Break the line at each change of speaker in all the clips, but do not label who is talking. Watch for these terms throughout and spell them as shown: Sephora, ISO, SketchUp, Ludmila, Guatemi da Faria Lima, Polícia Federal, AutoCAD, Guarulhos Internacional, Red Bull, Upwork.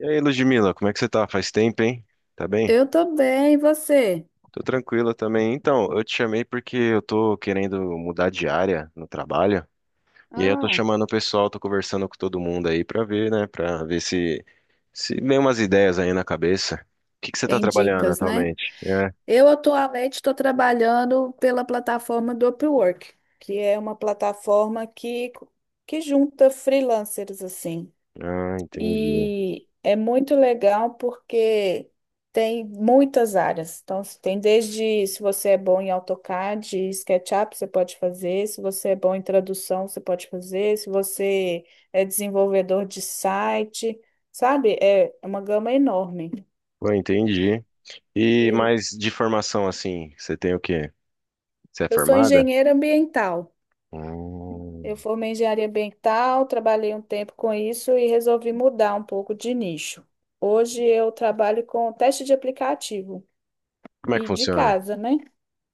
E aí, Ludmila, como é que você tá? Faz tempo, hein? Tá bem?
Eu tô bem, e você?
Tô tranquila também. Então, eu te chamei porque eu tô querendo mudar de área no trabalho. E aí eu tô
Ah.
chamando o pessoal, tô conversando com todo mundo aí pra ver, né? Pra ver se vem umas ideias aí na cabeça. O que que você tá
Tem
trabalhando
dicas, né?
atualmente? É.
Eu atualmente estou trabalhando pela plataforma do Upwork, que é uma plataforma que junta freelancers assim.
Ah, entendi.
E é muito legal porque tem muitas áreas. Então, se tem desde se você é bom em AutoCAD e SketchUp, você pode fazer. Se você é bom em tradução, você pode fazer. Se você é desenvolvedor de site, sabe? É uma gama enorme.
Pô, entendi. E
E
mais de formação, assim, você tem o quê? Você é
eu sou
formada?
engenheira ambiental. Eu
Hum.
formei em engenharia ambiental, trabalhei um tempo com isso e resolvi mudar um pouco de nicho. Hoje eu trabalho com teste de aplicativo.
Como é que
E de
funciona?
casa, né?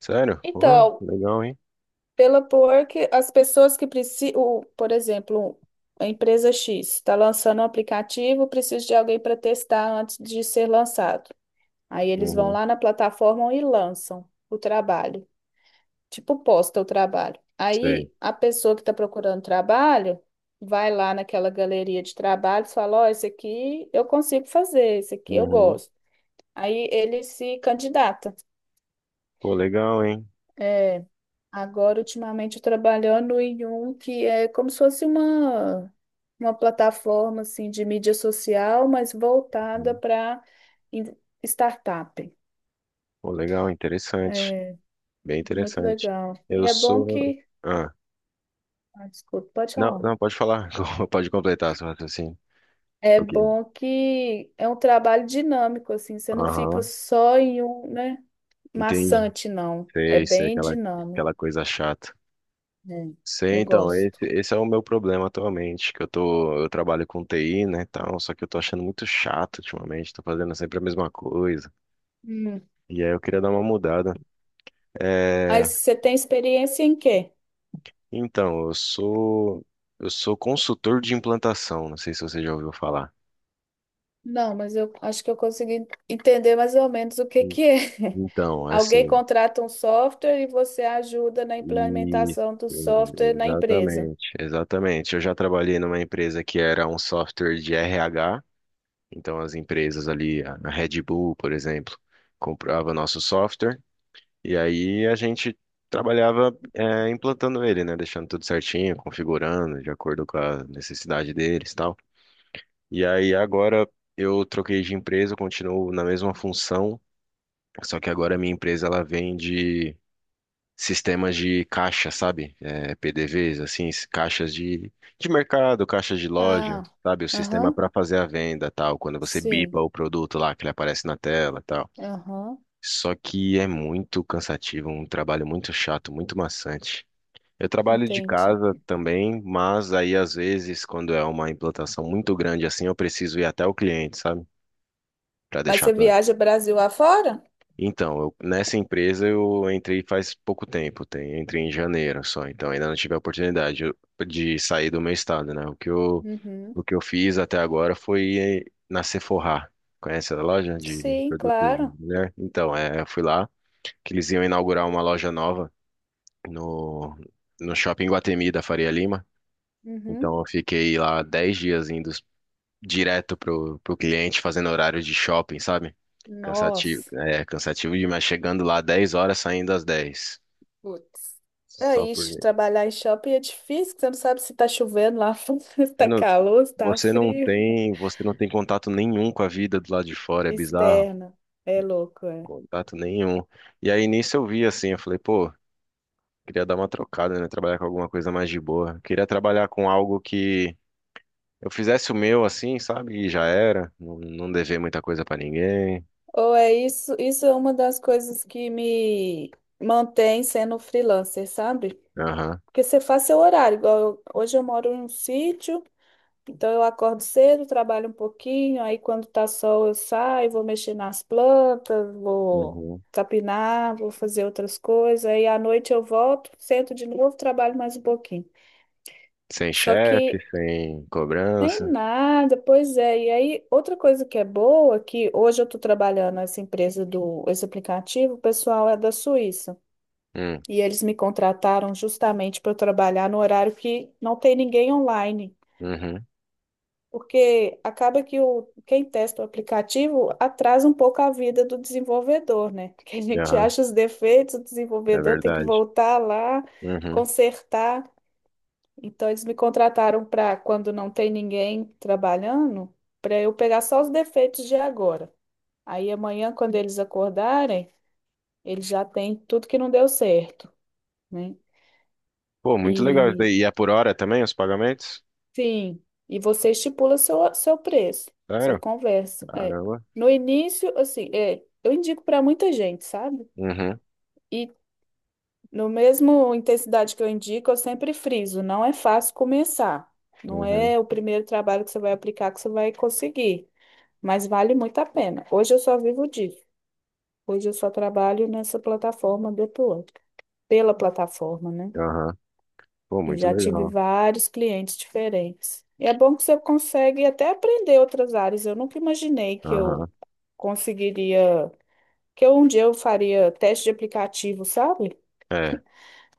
Sério? Pô,
Então,
legal, hein?
pela porque as pessoas que precisam, por exemplo, a empresa X está lançando um aplicativo, precisa de alguém para testar antes de ser lançado. Aí eles vão
Uhum,
lá na plataforma e lançam o trabalho, tipo posta o trabalho.
sei.
Aí a pessoa que está procurando trabalho vai lá naquela galeria de trabalhos e fala: Ó, esse aqui eu consigo fazer, esse aqui eu
Uhum.
gosto. Aí ele se candidata.
Pô, legal, hein?
É, agora ultimamente eu trabalhando em um que é como se fosse uma plataforma assim de mídia social, mas voltada
Uhum.
para startup.
Pô, legal, interessante.
É
Bem
muito
interessante.
legal. E
Eu
é bom
sou.
que.
Ah,
Ah, desculpa, pode
não,
falar.
não, pode falar. Pode completar seu raciocínio.
É
Ok.
bom que é um trabalho dinâmico, assim, você não fica
Aham,
só em um, né,
entendi.
maçante, não. É
Sei, sei,
bem
aquela,
dinâmico.
aquela coisa chata.
É,
Sei,
eu
então,
gosto.
esse é o meu problema atualmente, que eu tô, eu trabalho com TI, né, tal, só que eu tô achando muito chato ultimamente, tô fazendo sempre a mesma coisa.
Hum.
E aí eu queria dar uma mudada.
Mas
É,
você tem experiência em quê?
então, eu sou consultor de implantação, não sei se você já ouviu falar.
Não, mas eu acho que eu consegui entender mais ou menos o que
E-
que é.
Então,
Alguém
assim,
contrata um software e você ajuda na
e
implementação do software na empresa.
exatamente, exatamente. Eu já trabalhei numa empresa que era um software de RH, então as empresas ali, a Red Bull, por exemplo, comprava nosso software e aí a gente trabalhava implantando ele, né, deixando tudo certinho, configurando de acordo com a necessidade deles, e tal. E aí agora eu troquei de empresa, continuo na mesma função, só que agora a minha empresa ela vende sistemas de caixa, sabe? É, PDVs, assim, caixas de mercado, caixas de
Ah,
loja, sabe? O sistema
aham,
para fazer a venda, tal, quando você
sim,
bipa o produto lá, que ele aparece na tela, tal.
aham,
Só que é muito cansativo, um trabalho muito chato, muito maçante. Eu trabalho de
entendi.
casa também, mas aí às vezes, quando é uma implantação muito grande assim, eu preciso ir até o cliente, sabe? Para
Mas
deixar
você
tudo.
viaja Brasil afora?
Nessa empresa eu entrei faz pouco tempo, tem, entrei em janeiro só, então ainda não tive a oportunidade de sair do meu estado, né? O que eu,
Uhum,
o que eu fiz até agora foi na Sephora. Conhece a loja de
sim,
produtos
claro.
de mulher? Então, é, eu fui lá, que eles iam inaugurar uma loja nova no, no shopping Guatemi da Faria Lima. Então,
Uhum.
eu fiquei lá 10 dias indo direto pro cliente, fazendo horário de shopping, sabe? Cansativo,
Nossa.
é cansativo demais, chegando lá 10 horas, saindo às 10.
Putz. É
Só por
isso, trabalhar em shopping é difícil, que você não sabe se tá chovendo lá fora, se
você
tá
não,
calor, se tá frio.
você não tem contato nenhum com a vida do lado de fora, é bizarro.
Externa, é louco, é.
Contato nenhum. E aí nisso eu vi assim, eu falei, pô, queria dar uma trocada, né? Trabalhar com alguma coisa mais de boa. Queria trabalhar com algo que eu fizesse o meu assim, sabe? E já era, não, não dever muita coisa pra ninguém.
Ou é isso, isso é uma das coisas que me mantém sendo freelancer, sabe?
Aham.
Porque você faz seu horário, igual hoje eu moro em um sítio, então eu acordo cedo, trabalho um pouquinho, aí quando tá sol eu saio, vou mexer nas plantas, vou
Uhum.
capinar, vou fazer outras coisas, aí à noite eu volto, sento de novo, trabalho mais um pouquinho.
Sem
Só
chefe,
que
sem
tem
cobrança.
nada, pois é. E aí, outra coisa que é boa, é que hoje eu estou trabalhando essa empresa esse aplicativo, o pessoal é da Suíça.
Hum,
E eles me contrataram justamente para eu trabalhar no horário que não tem ninguém online.
uhum,
Porque acaba que quem testa o aplicativo atrasa um pouco a vida do desenvolvedor, né? Porque a gente
aham,
acha os defeitos, o
é
desenvolvedor tem que
verdade.
voltar lá,
Uhum.
consertar. Então eles me contrataram para quando não tem ninguém trabalhando, para eu pegar só os defeitos de agora. Aí amanhã, quando eles acordarem, eles já têm tudo que não deu certo, né?
Pô, muito legal isso
E
daí. E é por hora também os pagamentos?
sim, e você estipula seu preço, você
Sério?
conversa. É.
Caramba.
No início, assim, é, eu indico para muita gente, sabe?
Uhum,
E no mesmo intensidade que eu indico, eu sempre friso, não é fácil começar. Não
uhum,
é o primeiro trabalho que você vai aplicar que você vai conseguir. Mas vale muito a pena. Hoje eu só vivo disso. Hoje eu só trabalho nessa plataforma do Upwork, pela plataforma, né?
aham. Pô,
E
muito
já tive
legal.
vários clientes diferentes. E é bom que você consegue até aprender outras áreas. Eu nunca imaginei que
Aham.
eu conseguiria, que eu, um dia eu faria teste de aplicativo, sabe?
É,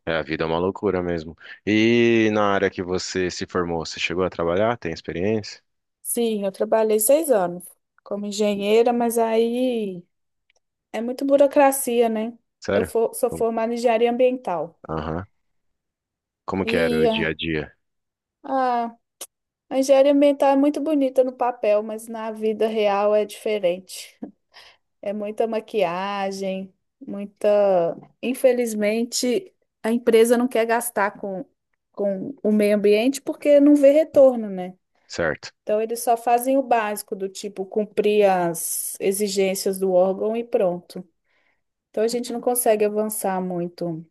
é, a vida é uma loucura mesmo. E na área que você se formou, você chegou a trabalhar? Tem experiência?
Sim, eu trabalhei 6 anos como engenheira, mas aí é muito burocracia, né? Eu
Sério?
sou
Hum.
formada em engenharia ambiental.
Aham. Como que era o dia
E
a dia?
ah, A engenharia ambiental é muito bonita no papel, mas na vida real é diferente. É muita maquiagem, muita. Infelizmente, a empresa não quer gastar com o meio ambiente porque não vê retorno, né?
Certo.
Então, eles só fazem o básico, do tipo cumprir as exigências do órgão e pronto. Então, a gente não consegue avançar muito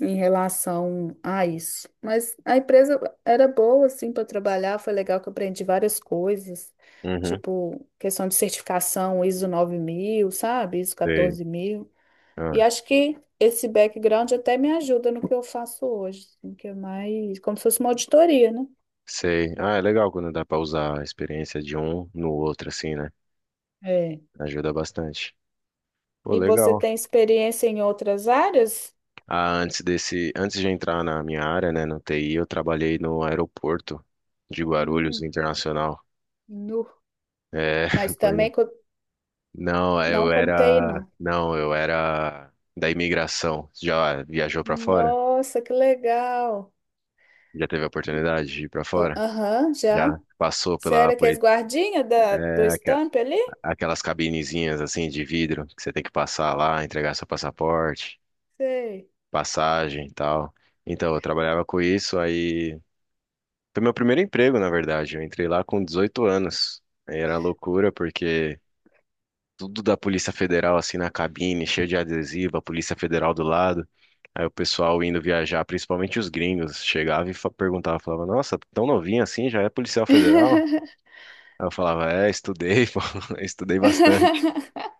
em relação a isso. Mas a empresa era boa, assim, para trabalhar, foi legal que eu aprendi várias coisas,
Uhum,
tipo questão de certificação ISO 9000, sabe? ISO
sei.
quatorze mil. E
Ah,
acho que esse background até me ajuda no que eu faço hoje, assim, que é mais como se fosse uma auditoria, né?
sei. Ah, é legal quando dá pra usar a experiência de um no outro, assim, né?
É.
Ajuda bastante. Pô,
E você
legal.
tem experiência em outras áreas?
Ah, antes desse, antes de entrar na minha área, né, no TI, eu trabalhei no aeroporto de Guarulhos
Hum,
Internacional.
nu.
É,
Mas
pois
também
é. Não,
não contei, não.
eu era da imigração. Já viajou pra fora?
Nossa, que legal!
Já teve a oportunidade de ir pra fora?
Aham, já.
Já passou
Você
pela
era que as
polícia?
guardinhas da, do
É,
estampo ali?
aquelas cabinezinhas assim de vidro que você tem que passar lá, entregar seu passaporte,
Sei.
passagem e tal. Então, eu trabalhava com isso, aí. Foi meu primeiro emprego, na verdade. Eu entrei lá com 18 anos. Aí era loucura, porque tudo da Polícia Federal, assim, na cabine, cheio de adesivo, a Polícia Federal do lado. Aí o pessoal indo viajar, principalmente os gringos, chegava e perguntava, falava, nossa, tão novinho assim, já é policial federal? Aí eu falava, é, estudei, pô, estudei bastante.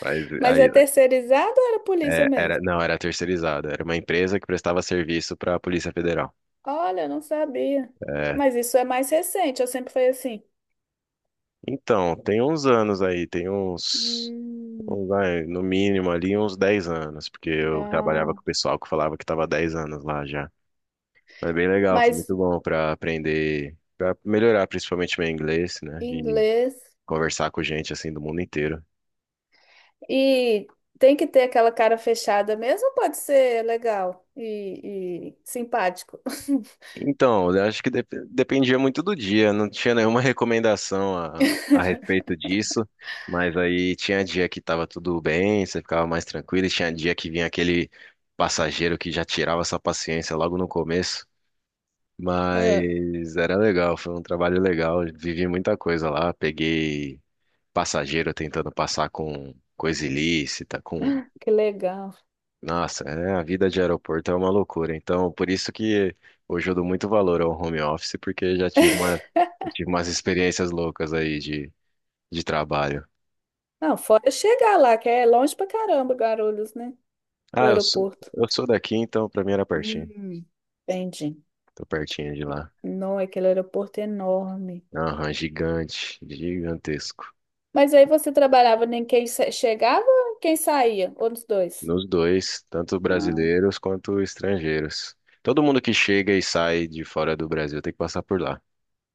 Mas
Mas é
aí,
terceirizado ou era polícia
é, era,
mesmo?
não, era terceirizado, era uma empresa que prestava serviço para a Polícia Federal.
Olha, eu não sabia.
É,
Mas isso é mais recente, eu sempre fui assim.
então, tem uns anos aí, tem uns.
Hum,
Bom, vai, no mínimo ali uns 10 anos, porque eu trabalhava
ah,
com o pessoal que falava que estava 10 anos lá já. Mas bem legal, foi
mas
muito bom para aprender, para melhorar principalmente meu inglês, né? E
inglês.
conversar com gente assim do mundo inteiro.
E tem que ter aquela cara fechada mesmo, ou pode ser legal e simpático.
Então, eu acho que dependia muito do dia, não tinha nenhuma recomendação a respeito disso, mas aí tinha dia que estava tudo bem, você ficava mais tranquilo, e tinha dia que vinha aquele passageiro que já tirava sua paciência logo no começo.
Ah,
Mas era legal, foi um trabalho legal. Vivi muita coisa lá. Peguei passageiro tentando passar com coisa ilícita, com.
que legal.
Nossa, é, a vida de aeroporto é uma loucura. Então, por isso que hoje eu dou muito valor ao home office, porque já tive uma, eu tive umas experiências loucas aí de trabalho.
Não, fora chegar lá, que é longe pra caramba, Guarulhos, né? O
Ah, eu sou,
aeroporto.
eu sou daqui, então pra mim era pertinho.
Hum, entendi.
Tô pertinho de lá.
Não, aquele aeroporto é enorme.
Aham, gigante, gigantesco.
Mas aí você trabalhava nem quem chegava, ou quem saía, ou dos dois?
Nos dois, tanto
Ah,
brasileiros quanto estrangeiros. Todo mundo que chega e sai de fora do Brasil tem que passar por lá.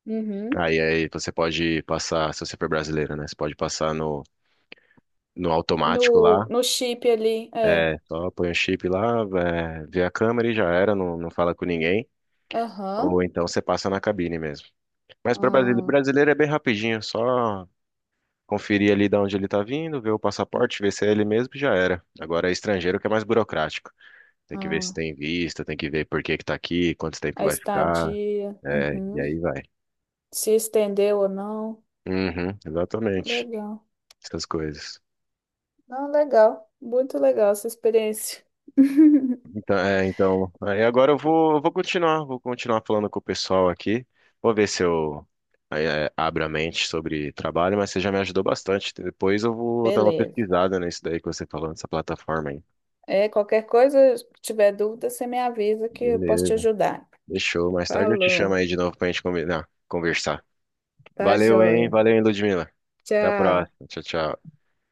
uhum.
Aí, você pode passar, se você for brasileiro, né? Você pode passar no
No,
automático lá.
no chip ali, é.
É, só põe o chip lá, é, vê a câmera e já era, não, não fala com ninguém. Ou
Aham.
então você passa na cabine mesmo. Mas para brasileiro
Ah,
brasileiro é bem rapidinho, só conferir ali de onde ele tá vindo, ver o passaporte, ver se é ele mesmo e já era. Agora é estrangeiro que é mais burocrático. Tem que ver se
ah.
tem visto, tem que ver por que que tá aqui, quanto tempo
A
vai ficar,
estadia,
é, e
uhum.
aí vai.
Se estendeu ou não.
Uhum, exatamente.
Legal.
Essas coisas.
Não, legal. Muito legal essa experiência.
Então, é, então, aí agora eu vou continuar falando com o pessoal aqui. Vou ver se eu é, abro a mente sobre trabalho, mas você já me ajudou bastante. Depois eu vou dar uma
Beleza.
pesquisada nisso daí que você falou, nessa plataforma aí.
É, qualquer coisa, se tiver dúvida, você me avisa que eu posso te
Beleza.
ajudar.
Fechou. Mais tarde eu te chamo
Falou.
aí de novo pra gente combinar, conversar.
Tá
Valeu, hein?
joia.
Valeu, hein, Ludmila. Até a
Tchau.
próxima. Tchau, tchau.